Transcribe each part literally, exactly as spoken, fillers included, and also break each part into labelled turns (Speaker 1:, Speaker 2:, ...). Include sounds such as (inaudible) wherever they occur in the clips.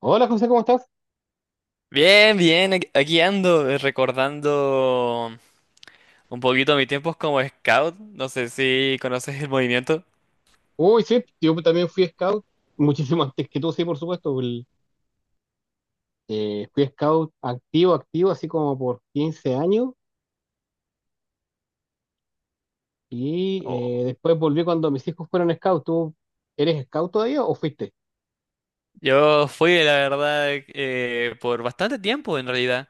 Speaker 1: Hola José, ¿cómo estás?
Speaker 2: Bien, bien, aquí aquí ando, eh, recordando un poquito mis tiempos como scout. No sé si conoces el movimiento.
Speaker 1: Uy, sí, yo también fui scout, (laughs) muchísimo antes que tú, sí, por supuesto. el- eh, fui scout activo, activo, así como por quince años y
Speaker 2: Oh.
Speaker 1: eh, después volví cuando mis hijos fueron scout. ¿Tú eres scout todavía o fuiste?
Speaker 2: Yo fui, la verdad, eh, por bastante tiempo en realidad.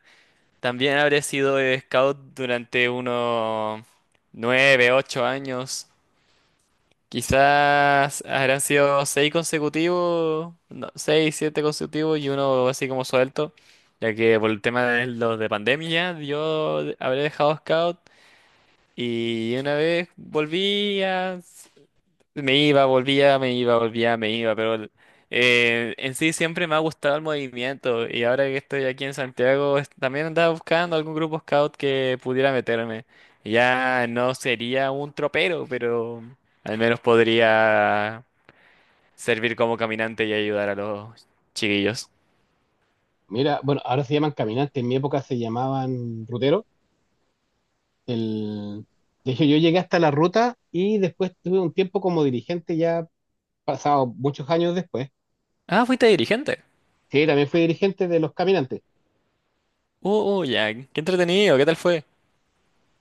Speaker 2: También habré sido eh, scout durante unos nueve, ocho años. Quizás habrán sido seis consecutivos, no, seis, siete consecutivos y uno así como suelto. Ya que por el tema de los de pandemia, yo habré dejado scout. Y una vez volvía, s- me iba, volvía, me iba, volvía, me iba, pero el- eh, en sí siempre me ha gustado el movimiento y ahora que estoy aquí en Santiago es- también andaba buscando algún grupo scout que pudiera meterme. Ya no sería un tropero, pero al menos podría servir como caminante y ayudar a los chiquillos.
Speaker 1: Mira, bueno, ahora se llaman caminantes, en mi época se llamaban ruteros. El... De hecho, yo llegué hasta la ruta y después tuve un tiempo como dirigente ya pasado muchos años después.
Speaker 2: Ah, fuiste dirigente.
Speaker 1: Sí, también fui dirigente de los caminantes.
Speaker 2: Uh, uh, ya, qué entretenido, ¿qué tal fue?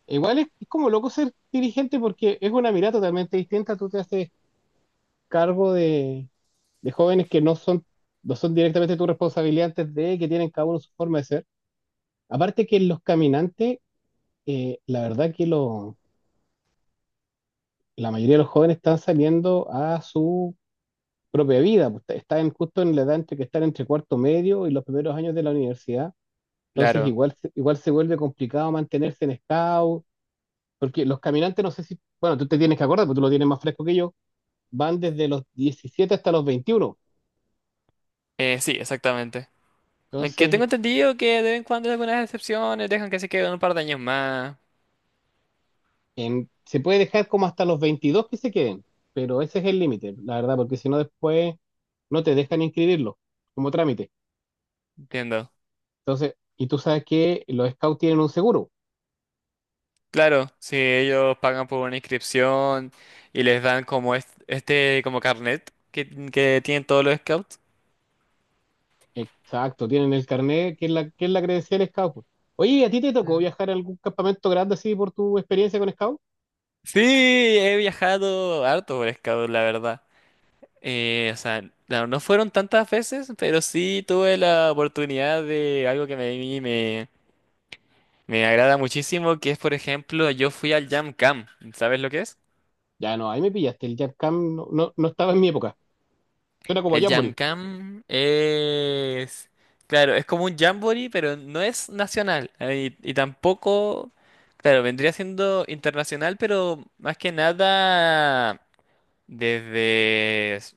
Speaker 1: Igual es, es como loco ser dirigente porque es una mirada totalmente distinta. Tú te haces cargo de, de jóvenes que no son, no son directamente tu responsabilidad antes de que tienen cada uno su forma de ser. Aparte que los caminantes, eh, la verdad que lo, la mayoría de los jóvenes están saliendo a su propia vida, pues. Están justo en la edad entre que están entre cuarto medio y los primeros años de la universidad. Entonces
Speaker 2: Claro.
Speaker 1: igual, se- igual se vuelve complicado mantenerse en scout, porque los caminantes no sé si, bueno, tú te tienes que acordar, porque tú lo tienes más fresco que yo, van desde los diecisiete hasta los veintiuno.
Speaker 2: Eh, sí, exactamente. Aunque
Speaker 1: Entonces,
Speaker 2: tengo entendido que de vez en cuando hay algunas excepciones, dejan que se queden un par de años más,
Speaker 1: en- se puede dejar como hasta los veintidós que se queden, pero ese es el límite, la verdad, porque si no después no te dejan inscribirlo como trámite.
Speaker 2: entiendo.
Speaker 1: Entonces, y tú sabes que los scouts tienen un seguro.
Speaker 2: Claro, si ellos pagan por una inscripción y les dan como est- este, como carnet que, que tienen todos los scouts.
Speaker 1: Exacto, tienen el carnet, que es la, que es la credencial scout, pues. Oye, ¿y a ti te tocó viajar a algún campamento grande así por tu experiencia con scout?
Speaker 2: Sí, he viajado harto por scout, la verdad. Eh, o sea, no, no fueron tantas veces, pero sí tuve la oportunidad de algo que me, me, me agrada muchísimo, que es, por ejemplo, yo fui al Jam Cam. ¿Sabes lo que es?
Speaker 1: Ya no, ahí me pillaste, el Jam Camp no, no, no estaba en mi época. Suena como
Speaker 2: El Jam
Speaker 1: Jamboree.
Speaker 2: Cam es... Claro, es como un jamboree, pero no es nacional. eh, Y, y tampoco... Claro, vendría siendo internacional, pero más que nada desde... s-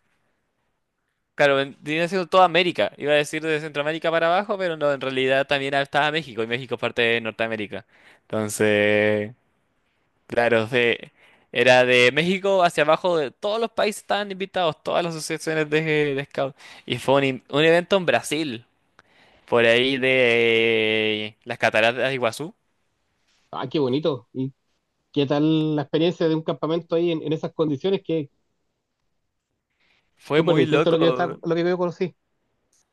Speaker 2: Claro, vendría siendo toda América. Iba a decir de Centroamérica para abajo, pero no, en realidad también estaba México, y México es parte de Norteamérica. Entonces... Claro, de- era de México hacia abajo, de todos los países estaban invitados, todas las asociaciones de, de scout. Y fue un, in- un evento en Brasil, por ahí de las cataratas de Iguazú.
Speaker 1: Ah, qué bonito. ¿Qué tal la experiencia de un campamento ahí en, en esas condiciones que es
Speaker 2: Fue
Speaker 1: súper
Speaker 2: muy
Speaker 1: distinto a lo que yo estaba,
Speaker 2: loco,
Speaker 1: a lo que yo conocí?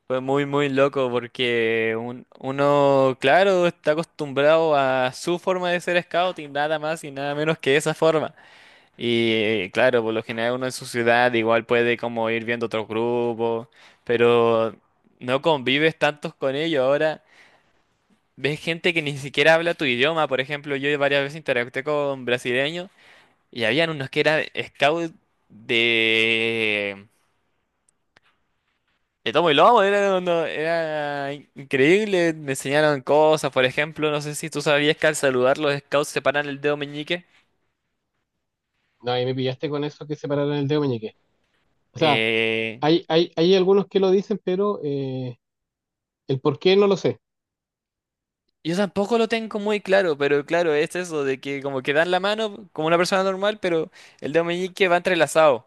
Speaker 2: fue muy, muy loco, porque un- uno, claro, está acostumbrado a su forma de ser scout y nada más y nada menos que esa forma. Y claro, por lo general uno en su ciudad igual puede como ir viendo otros grupos, pero no convives tantos con ellos. Ahora ves gente que ni siquiera habla tu idioma. Por ejemplo, yo varias veces interactué con brasileños y habían unos que eran scout de... de tomo y lomo. Era, uno- era in- increíble, me enseñaron cosas. Por ejemplo, no sé si tú sabías que al saludar los scouts separan el dedo meñique.
Speaker 1: No, ahí me pillaste con eso que separaron el dedo meñique. O sea,
Speaker 2: Eh,
Speaker 1: hay, hay, hay algunos que lo dicen, pero eh, el por qué no lo sé.
Speaker 2: Yo tampoco lo tengo muy claro, pero claro, es eso de que como que dan la mano como una persona normal, pero el dedo meñique va entrelazado.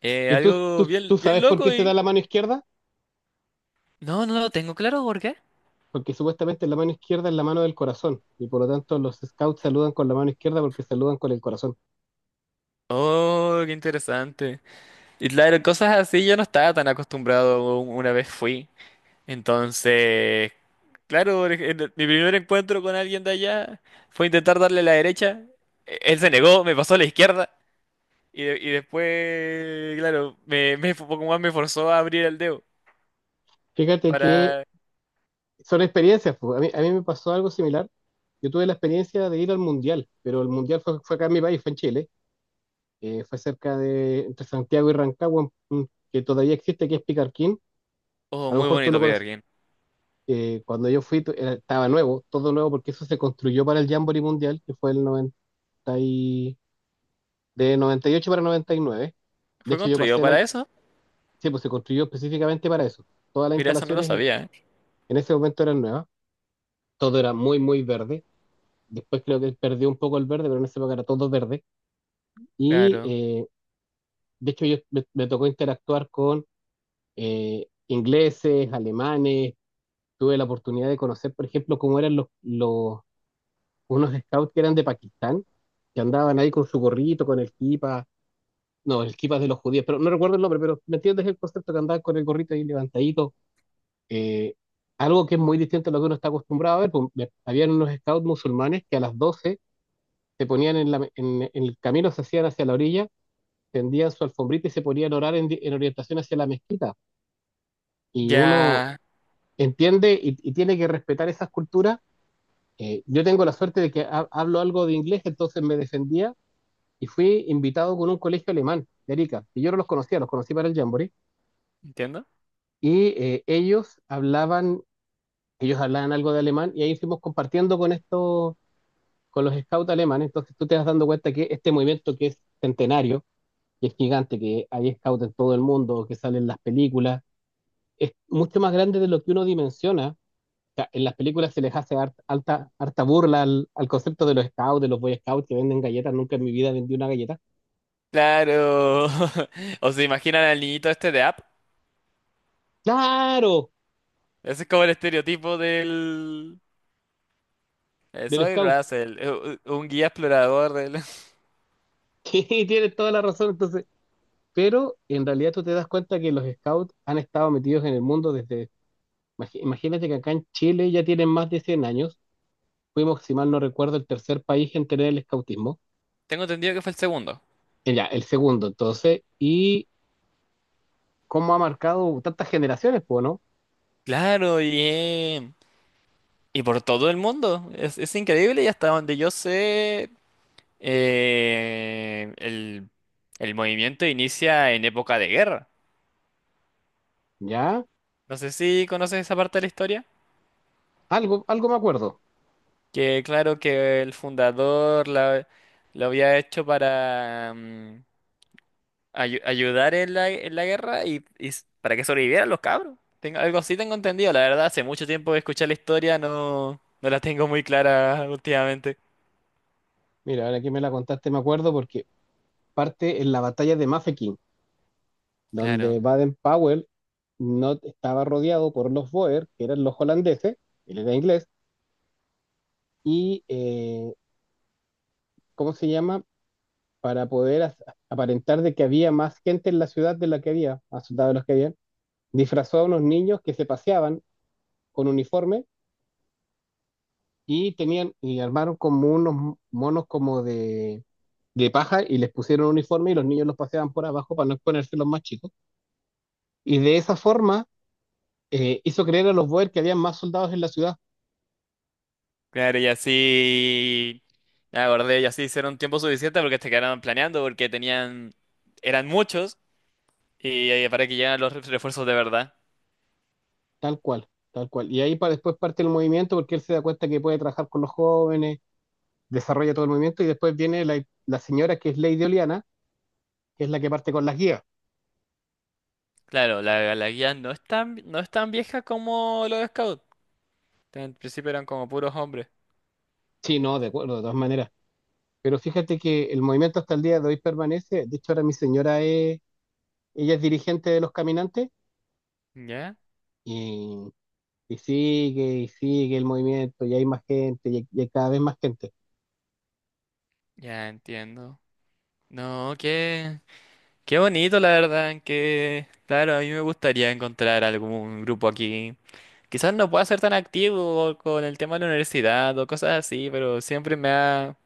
Speaker 2: Eh,
Speaker 1: ¿Y tú,
Speaker 2: algo
Speaker 1: tú, tú
Speaker 2: bien, bien
Speaker 1: sabes por qué
Speaker 2: loco
Speaker 1: se da
Speaker 2: y...
Speaker 1: la mano izquierda?
Speaker 2: No, no lo tengo claro, ¿por qué?
Speaker 1: Porque supuestamente la mano izquierda es la mano del corazón y por lo tanto los scouts saludan con la mano izquierda porque saludan con el corazón.
Speaker 2: Oh, qué interesante. Y claro, cosas así yo no estaba tan acostumbrado u- una vez fui. Entonces, claro, por ej- en mi primer encuentro con alguien de allá fue intentar darle la derecha. E- Él se negó, me pasó a la izquierda. Y, de- y después, claro, me, me, Pokémon me forzó a abrir el dedo
Speaker 1: Fíjate que
Speaker 2: para...
Speaker 1: son experiencias, pues. A mí, a mí me pasó algo similar. Yo tuve la experiencia de ir al mundial, pero el mundial fue, fue acá en mi país, fue en Chile, eh, fue cerca de entre Santiago y Rancagua, mm, que todavía existe, que es Picarquín.
Speaker 2: Oh,
Speaker 1: A lo
Speaker 2: muy
Speaker 1: mejor tú lo
Speaker 2: bonito
Speaker 1: conoces.
Speaker 2: Peterkin.
Speaker 1: Eh, cuando yo fui, tu- era- estaba nuevo, todo nuevo, porque eso se construyó para el Jamboree Mundial, que fue el noventa y- de noventa y ocho para noventa y nueve. De
Speaker 2: ¿Fue
Speaker 1: hecho, yo
Speaker 2: construido
Speaker 1: pasé la...
Speaker 2: para eso?
Speaker 1: Sí, pues se construyó específicamente para eso. Todas las
Speaker 2: Mira, eso no lo
Speaker 1: instalaciones en,
Speaker 2: sabía, ¿eh?
Speaker 1: en ese momento eran nuevas. Todo era muy, muy verde. Después creo que perdió un poco el verde, pero en esa época era todo verde. Y
Speaker 2: Claro.
Speaker 1: eh, de hecho, yo me, me tocó interactuar con eh, ingleses, alemanes. Tuve la oportunidad de conocer, por ejemplo, cómo eran los, los- unos scouts que eran de Pakistán, que andaban ahí con su gorrito, con el kipa. No, el kipa es de los judíos, pero no recuerdo el nombre, pero me entiendes el concepto, que andaban con el gorrito ahí levantadito. Eh, algo que es muy distinto a lo que uno está acostumbrado a ver, pues. Me- habían unos scouts musulmanes que a las doce se ponían en, la, en, en el camino, se hacían hacia la orilla, tendían su alfombrita y se ponían a orar en, di- en orientación hacia la mezquita. Y uno
Speaker 2: Ya...
Speaker 1: entiende y, y tiene que respetar esas culturas. Eh, yo tengo la suerte de que ha- hablo algo de inglés, entonces me defendía y fui invitado con un colegio alemán de Arica. Y yo no los conocía, los conocí para el Jamboree.
Speaker 2: ¿Entiendo?
Speaker 1: Y eh, ellos hablaban, ellos hablaban algo de alemán y ahí fuimos compartiendo con estos, con los scouts alemanes. Entonces tú te vas dando cuenta que este movimiento que es centenario, que es gigante, que hay scouts en todo el mundo, que salen las películas, es mucho más grande de lo que uno dimensiona. Sea, en las películas se les hace har- alta, harta burla al, al concepto de los scouts, de los boy scouts que venden galletas. Nunca en mi vida vendí una galleta.
Speaker 2: Claro. (laughs) ¿O se imaginan al niñito este de App?
Speaker 1: ¡Claro!
Speaker 2: Ese es como el estereotipo del... eh,
Speaker 1: Del
Speaker 2: Soy
Speaker 1: scout. (laughs)
Speaker 2: Russell, eh, u- un guía explorador del...
Speaker 1: Sí, tienes toda la razón. Entonces, pero en realidad tú te das cuenta que los scouts han estado metidos en el mundo desde. imagi- Imagínate que acá en Chile ya tienen más de cien años. Fuimos, si mal no recuerdo, el tercer país en tener el scoutismo.
Speaker 2: (laughs) Tengo entendido que fue el segundo.
Speaker 1: Eh, Ya, el segundo, entonces. Y cómo ha marcado tantas generaciones, pues, ¿no?
Speaker 2: Claro, bien. Y por todo el mundo. Es, es increíble y hasta donde yo sé... Eh, el, el movimiento inicia en época de guerra.
Speaker 1: Ya,
Speaker 2: No sé si conoces esa parte de la historia.
Speaker 1: algo, algo me acuerdo.
Speaker 2: Que claro que el fundador la, lo había hecho para mm, ayu- ayudar en la, en la guerra y, y s- para que sobrevivieran los cabros. Tengo, algo así tengo entendido. La verdad, hace mucho tiempo que escuché la historia, no, no la tengo muy clara últimamente.
Speaker 1: Mira, ahora que me la contaste, me acuerdo porque parte en la batalla de Mafeking, donde
Speaker 2: Claro.
Speaker 1: Baden-Powell no estaba rodeado por los Boer, que eran los holandeses, él era inglés, y eh, ¿cómo se llama? Para poder as- aparentar de que había más gente en la ciudad de la que había, más soldados de los que había, disfrazó a unos niños que se paseaban con uniforme y tenían y armaron como unos monos como de, de paja y les pusieron uniforme y los niños los paseaban por abajo para no exponerse los más chicos. Y de esa forma eh, hizo creer a los Boer que había más soldados en la ciudad,
Speaker 2: Claro, y así me acordé, y así hicieron tiempo suficiente porque se quedaron planeando, porque tenían, eran muchos, y eh, para que llegaran los ref- refuerzos de verdad.
Speaker 1: tal cual, tal cual. Y ahí para después parte el movimiento porque él se da cuenta que puede trabajar con los jóvenes, desarrolla todo el movimiento y después viene la, la señora que es Lady Oliana, que es la que parte con las guías.
Speaker 2: Claro, la, la guía no es tan, no es tan vieja como los scouts. En principio eran como puros hombres.
Speaker 1: Sí, no, de acuerdo, de todas maneras. Pero fíjate que el movimiento hasta el día de hoy permanece. De hecho, ahora mi señora es, ella es dirigente de los caminantes
Speaker 2: ¿Ya?
Speaker 1: y, y sigue y sigue el movimiento y hay más gente y hay- y hay cada vez más gente.
Speaker 2: Ya entiendo. No, qué, qué bonito, la verdad, que claro, a mí me gustaría encontrar algún grupo aquí. Quizás no pueda ser tan activo con el tema de la universidad o cosas así, pero siempre me ha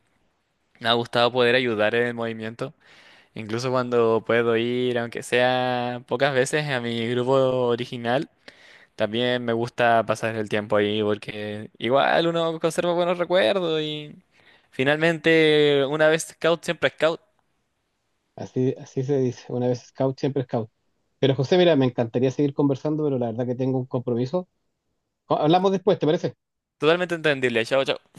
Speaker 2: me ha gustado poder ayudar en el movimiento, incluso cuando puedo ir, aunque sea pocas veces, a mi grupo original. También me gusta pasar el tiempo ahí porque igual uno conserva buenos recuerdos y finalmente una vez scout siempre scout.
Speaker 1: Así, así se dice. Una vez scout, siempre scout. Pero José, mira, me encantaría seguir conversando, pero la verdad que tengo un compromiso. Co- Hablamos después, ¿te parece?
Speaker 2: Totalmente entendible. Chao, chao.